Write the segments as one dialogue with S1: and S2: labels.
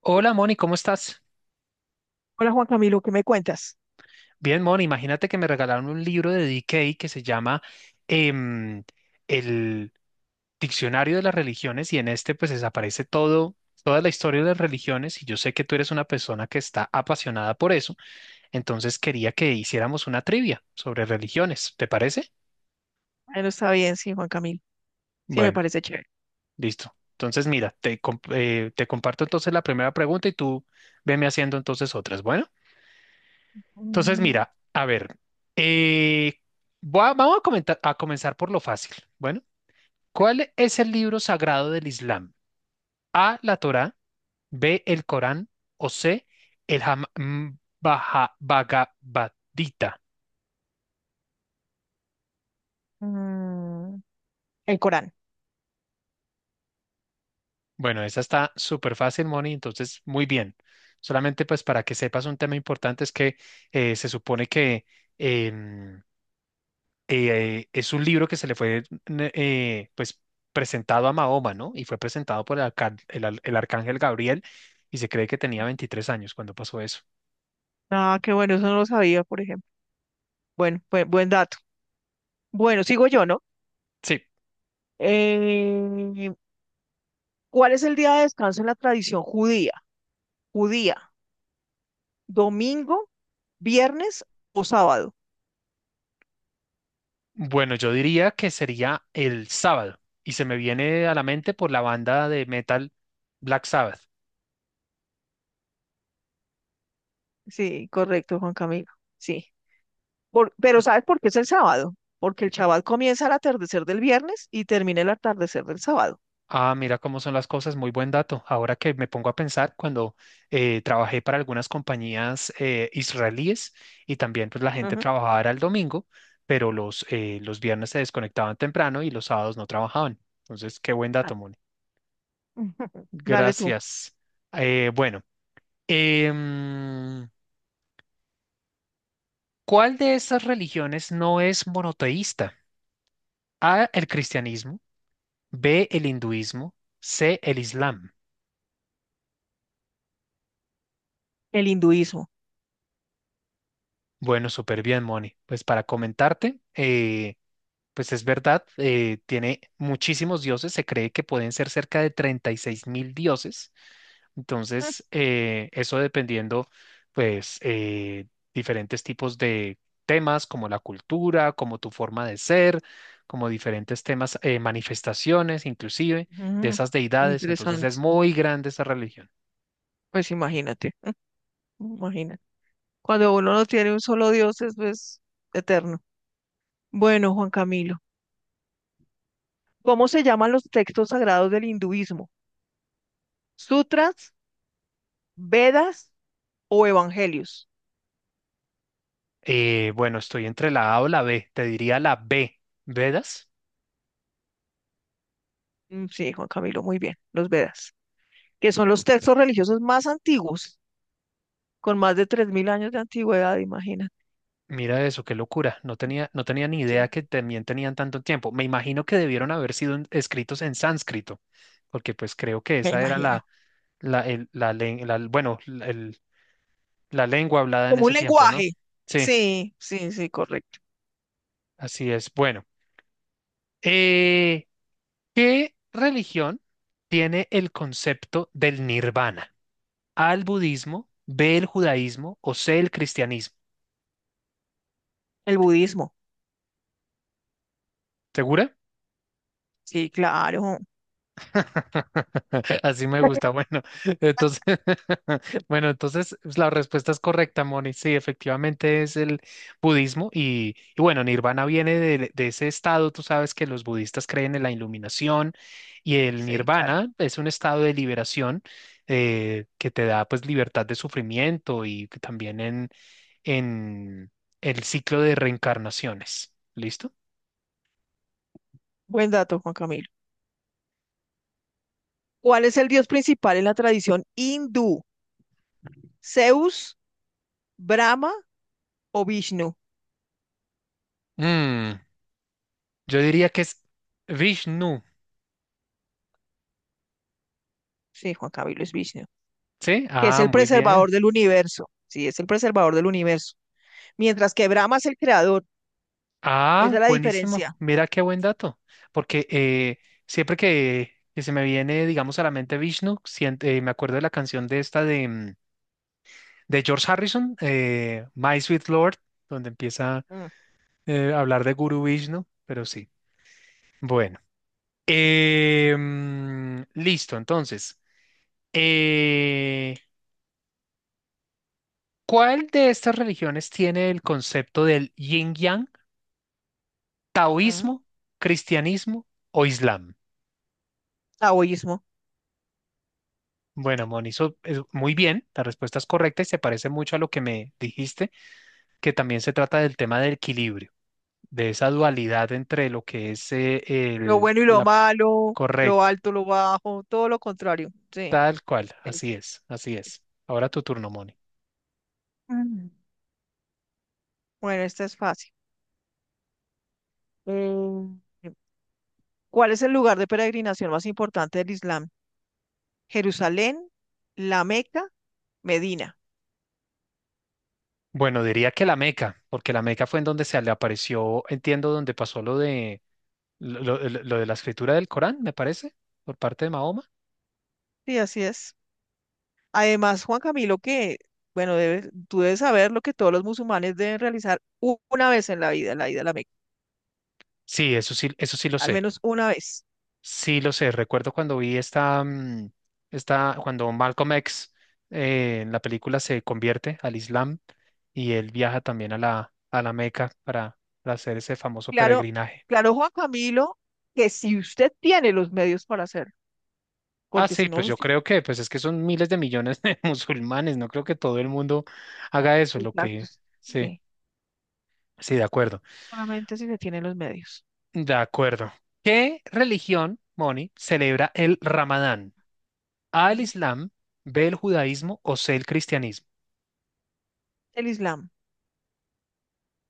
S1: Hola Moni, ¿cómo estás?
S2: Hola Juan Camilo, ¿qué me cuentas?
S1: Bien, Moni, imagínate que me regalaron un libro de D. K. que se llama em, el Diccionario de las Religiones y en este pues desaparece todo, toda la historia de las religiones y yo sé que tú eres una persona que está apasionada por eso, entonces quería que hiciéramos una trivia sobre religiones, ¿te parece?
S2: Bueno, está bien, sí, Juan Camilo. Sí, me
S1: Bueno,
S2: parece chévere.
S1: listo. Entonces mira, te comparto entonces la primera pregunta y tú veme haciendo entonces otras. Bueno, entonces,
S2: Mm,
S1: mira, a ver, eh, vamos a comenzar por lo fácil. Bueno, ¿cuál es el libro sagrado del Islam? A, la Torá, B, el Corán o C, el Bhagavad Gita.
S2: mm, el Corán.
S1: Bueno, esa está súper fácil, Moni, entonces muy bien. Solamente pues para que sepas un tema importante es que se supone que em, es un libro que se le fue pues presentado a Mahoma, ¿no? Y fue presentado por el, arca- el al- el arcángel Gabriel y se cree que tenía 23 años cuando pasó eso.
S2: Ah, qué bueno, eso no lo sabía, por ejemplo. Bueno, buen dato. Bueno, sigo yo, ¿no?
S1: Sí,
S2: Eh, ¿Cuál es el día de descanso en la tradición judía? Judía, domingo, viernes o sábado.
S1: bueno, yo diría que sería el sábado y se me viene a la mente por la banda de metal Black Sabbath.
S2: Sí, correcto, Juan Camilo. Sí. Pero ¿sabes por qué es el sábado? Porque el Shabbat comienza al atardecer del viernes y termina el atardecer del sábado.
S1: Ah, mira cómo son las cosas, muy buen dato. Ahora que me pongo a pensar, cuando trabajé para algunas compañías israelíes y también pues la gente
S2: Ujú.
S1: trabajaba era el domingo, pero los viernes se desconectaban temprano y los sábados no trabajaban. Entonces, qué buen dato,
S2: Dale.
S1: Moni.
S2: Dale tú.
S1: Gracias. Bueno, em, ¿cuál de estas religiones no es monoteísta? A, el cristianismo, B, el hinduismo, C, el islam.
S2: El hinduismo.
S1: Bueno, súper bien, Moni. Pues para comentarte, pues es verdad, tiene muchísimos dioses, se cree que pueden ser cerca de 36.000 dioses.
S2: Mm,
S1: Entonces, eso dependiendo, pues, diferentes tipos de temas como la cultura, como tu forma de ser, como diferentes temas, manifestaciones inclusive de
S2: Ujú,
S1: esas deidades. Entonces, es
S2: interesante.
S1: muy grande esa religión.
S2: Pues imagínate, imagínate. Cuando uno no tiene un solo Dios, eso es pues, eterno. Bueno, Juan Camilo, ¿cómo se llaman los textos sagrados del hinduismo? ¿Sutras, Vedas o evangelios?
S1: Bueno, estoy entre la A o la B, te diría la B, ¿Vedas?
S2: Mm, sí, Juan Camilo, muy bien, los Vedas, que son los textos religiosos más antiguos, con más de 3000 años de antigüedad. Imagina.
S1: Mira eso, qué locura. No tenía, no tenía ni idea
S2: Sí,
S1: que también tenían tanto tiempo. Me imagino que debieron haber sido escritos en sánscrito, porque pues creo que
S2: me
S1: esa era la,
S2: imagino.
S1: la, el- la, len- la- bueno, la lengua hablada en
S2: Como un
S1: ese tiempo, ¿no?
S2: lenguaje.
S1: Sí,
S2: Sí, sí, sí, correcto.
S1: así es. Bueno, eh, ¿qué religión tiene el concepto del nirvana? ¿A el budismo, B el judaísmo o C el cristianismo?
S2: El budismo.
S1: ¿Segura?
S2: Sí, claro.
S1: Así me gusta. Bueno, entonces, bueno, entonces pues, la respuesta es correcta, Moni. Sí, efectivamente es el budismo y bueno, Nirvana viene de ese estado. Tú sabes que los budistas creen en la iluminación y el
S2: Sí, claro.
S1: Nirvana es un estado de liberación que te da pues libertad de sufrimiento y que también en el ciclo de reencarnaciones. ¿Listo?
S2: Buen dato, Juan Camilo. ¿Cuál es el dios principal en la tradición hindú? ¿Zeus, Brahma o Vishnu?
S1: Mm, yo diría que es Vishnu.
S2: Sí, Juan Camilo es Vishnu,
S1: Sí,
S2: que es
S1: ah,
S2: el
S1: muy bien.
S2: preservador del universo. Sí, es el preservador del universo. Mientras que Brahma es el creador. Esa
S1: Ah,
S2: es la
S1: buenísimo.
S2: diferencia.
S1: Mira qué buen dato. Porque siempre que se me viene, digamos, a la mente Vishnu, me acuerdo de la canción de esta de George Harrison, My Sweet Lord, donde empieza
S2: Mm,
S1: a hablar de Guru Vishnu, pero sí. Bueno. Listo. Entonces, eh, ¿cuál de estas religiones tiene el concepto del yin-yang,
S2: mm.
S1: taoísmo, cristianismo o islam?
S2: Taoísmo.
S1: Bueno, Moni, eso es muy bien, la respuesta es correcta y se parece mucho a lo que me dijiste, que también se trata del tema del equilibrio, de esa dualidad entre lo que es
S2: Lo
S1: el,
S2: bueno y lo
S1: la...
S2: malo, lo
S1: Correcto,
S2: alto, lo bajo, todo lo contrario. Sí.
S1: tal cual,
S2: Es-
S1: así es, así es. Ahora tu turno, Moni.
S2: Mm. Bueno, esta es fácil. Mm. ¿Cuál es el lugar de peregrinación más importante del Islam? Jerusalén, La Meca, Medina.
S1: Bueno, diría que la Meca, porque la Meca fue en donde se le apareció, entiendo, donde pasó lo de lo de la escritura del Corán, me parece, por parte de Mahoma.
S2: Sí, así es. Además, Juan Camilo, que, bueno, tú debes saber lo que todos los musulmanes deben realizar una vez en la vida, la ida a la Meca,
S1: Sí, eso sí, eso sí lo
S2: al
S1: sé.
S2: menos una vez.
S1: Sí, lo sé. Recuerdo cuando vi esta, cuando Malcolm X en la película se convierte al Islam y él viaja también a la Meca para hacer ese famoso
S2: Claro,
S1: peregrinaje.
S2: claro, Juan Camilo, que si usted tiene los medios para hacerlo,
S1: Ah,
S2: porque si
S1: sí,
S2: no
S1: pues
S2: los
S1: yo
S2: tiene,
S1: creo que, pues es que son miles de millones de musulmanes. No creo que todo el mundo haga eso. Lo que,
S2: exactos,
S1: sí,
S2: sí,
S1: sí, de acuerdo.
S2: solamente si se tienen los medios.
S1: De acuerdo. ¿Qué religión, Moni, celebra el Ramadán? ¿A el
S2: Ujú.
S1: Islam, B el judaísmo o C el cristianismo?
S2: El Islam.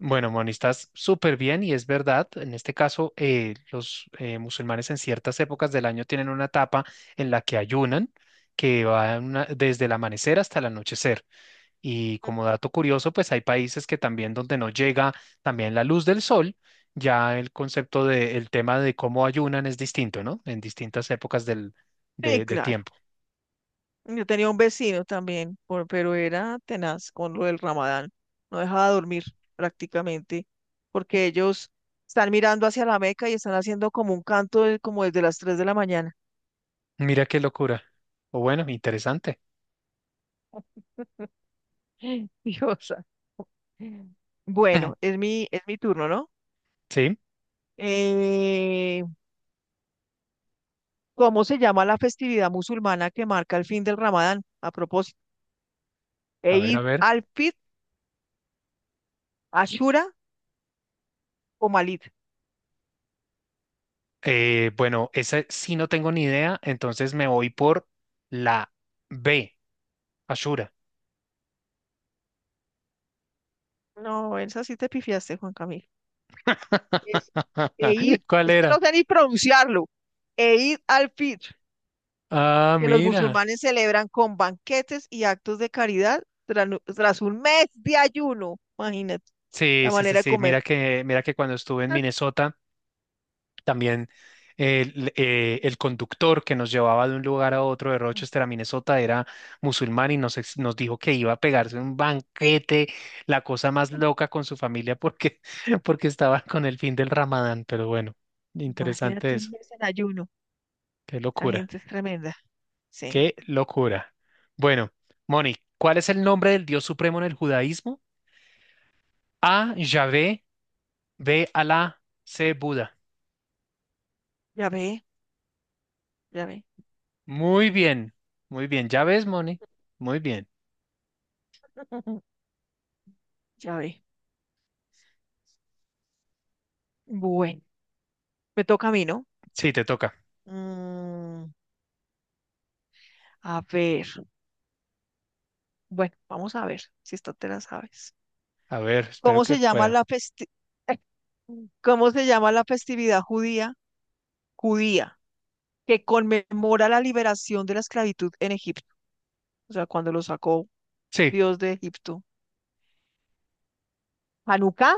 S1: Bueno, Moni, estás súper bien y es verdad. En este caso, los musulmanes en ciertas épocas del año tienen una etapa en la que ayunan, que va desde el amanecer hasta el anochecer. Y como dato curioso, pues hay países que también donde no llega también la luz del sol, ya el concepto de, el tema de cómo ayunan es distinto, ¿no? En distintas épocas
S2: Sí,
S1: de
S2: claro.
S1: tiempo.
S2: Yo tenía un vecino también, pero era tenaz con lo del Ramadán. No dejaba dormir prácticamente, porque ellos están mirando hacia la Meca y están haciendo como un canto como desde las 3 de la mañana.
S1: Mira qué locura. O bueno, interesante.
S2: Diosa. Bueno, es mi turno, ¿no?
S1: Sí,
S2: Eh, ¿Cómo se llama la festividad musulmana que marca el fin del Ramadán? A propósito,
S1: a ver, a
S2: Eid
S1: ver.
S2: al-Fitr, Ashura o Malit.
S1: Bueno, esa sí no tengo ni idea, entonces me voy por la B, Ashura.
S2: No, esa sí te pifiaste, Juan Camilo. Es Eid,
S1: ¿Cuál
S2: es que no
S1: era?
S2: sé ni pronunciarlo, Eid al-Fitr,
S1: Ah,
S2: que los
S1: mira.
S2: musulmanes celebran con banquetes y actos de caridad tras un mes de ayuno. Imagínate
S1: Sí,
S2: la
S1: sí, sí,
S2: manera de
S1: sí.
S2: comer.
S1: Mira que cuando estuve en
S2: Ah,
S1: Minnesota, también el conductor que nos llevaba de un lugar a otro de Rochester a Minnesota era musulmán y nos dijo que iba a pegarse un banquete, la cosa más loca con su familia porque, porque estaba con el fin del Ramadán. Pero bueno, interesante
S2: Imagínate un
S1: eso.
S2: mes en ayuno.
S1: Qué
S2: Esa
S1: locura,
S2: gente es tremenda. Sí,
S1: qué locura. Bueno, Moni, ¿cuál es el nombre del Dios supremo en el judaísmo? A, Yahvé, B, Alá, C, Buda.
S2: ya ve, ya ve,
S1: Muy bien, muy bien. ¿Ya ves, Moni? Muy bien.
S2: ya ve. Bueno, me toca a mí, ¿no?
S1: Sí, te toca.
S2: Mm, a ver, bueno, vamos a ver si esta te la sabes.
S1: A ver, espero
S2: ¿Cómo
S1: que
S2: se llama
S1: pueda.
S2: la festi- ¿Cómo se llama la festividad judía? Judía, que conmemora la liberación de la esclavitud en Egipto, o sea, cuando lo sacó
S1: Sí,
S2: Dios de Egipto. ¿Hanukkah,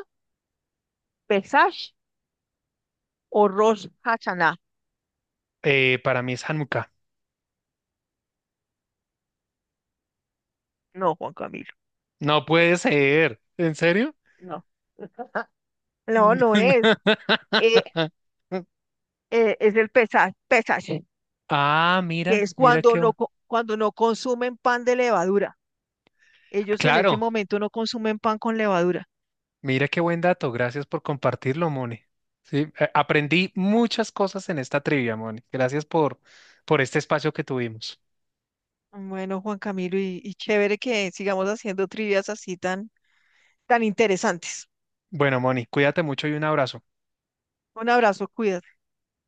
S2: Pesach o Rosh Hashanah?
S1: para mí es Hanukkah.
S2: No, Juan Camilo,
S1: No puede ser. ¿En serio?
S2: no. No, no es. Eh, es el Pesach, Pesach,
S1: Ah,
S2: que
S1: mira,
S2: es
S1: mira
S2: cuando
S1: qué bueno.
S2: cuando no consumen pan de levadura. Ellos en ese
S1: Claro,
S2: momento no consumen pan con levadura.
S1: mira qué buen dato, gracias por compartirlo, Moni. Sí, aprendí muchas cosas en esta trivia, Moni. Gracias por este espacio que tuvimos.
S2: Bueno, Juan Camilo, y chévere que sigamos haciendo trivias así tan tan interesantes.
S1: Bueno, Moni, cuídate mucho y un abrazo.
S2: Un abrazo, cuídate.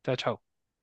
S1: Chao, chao.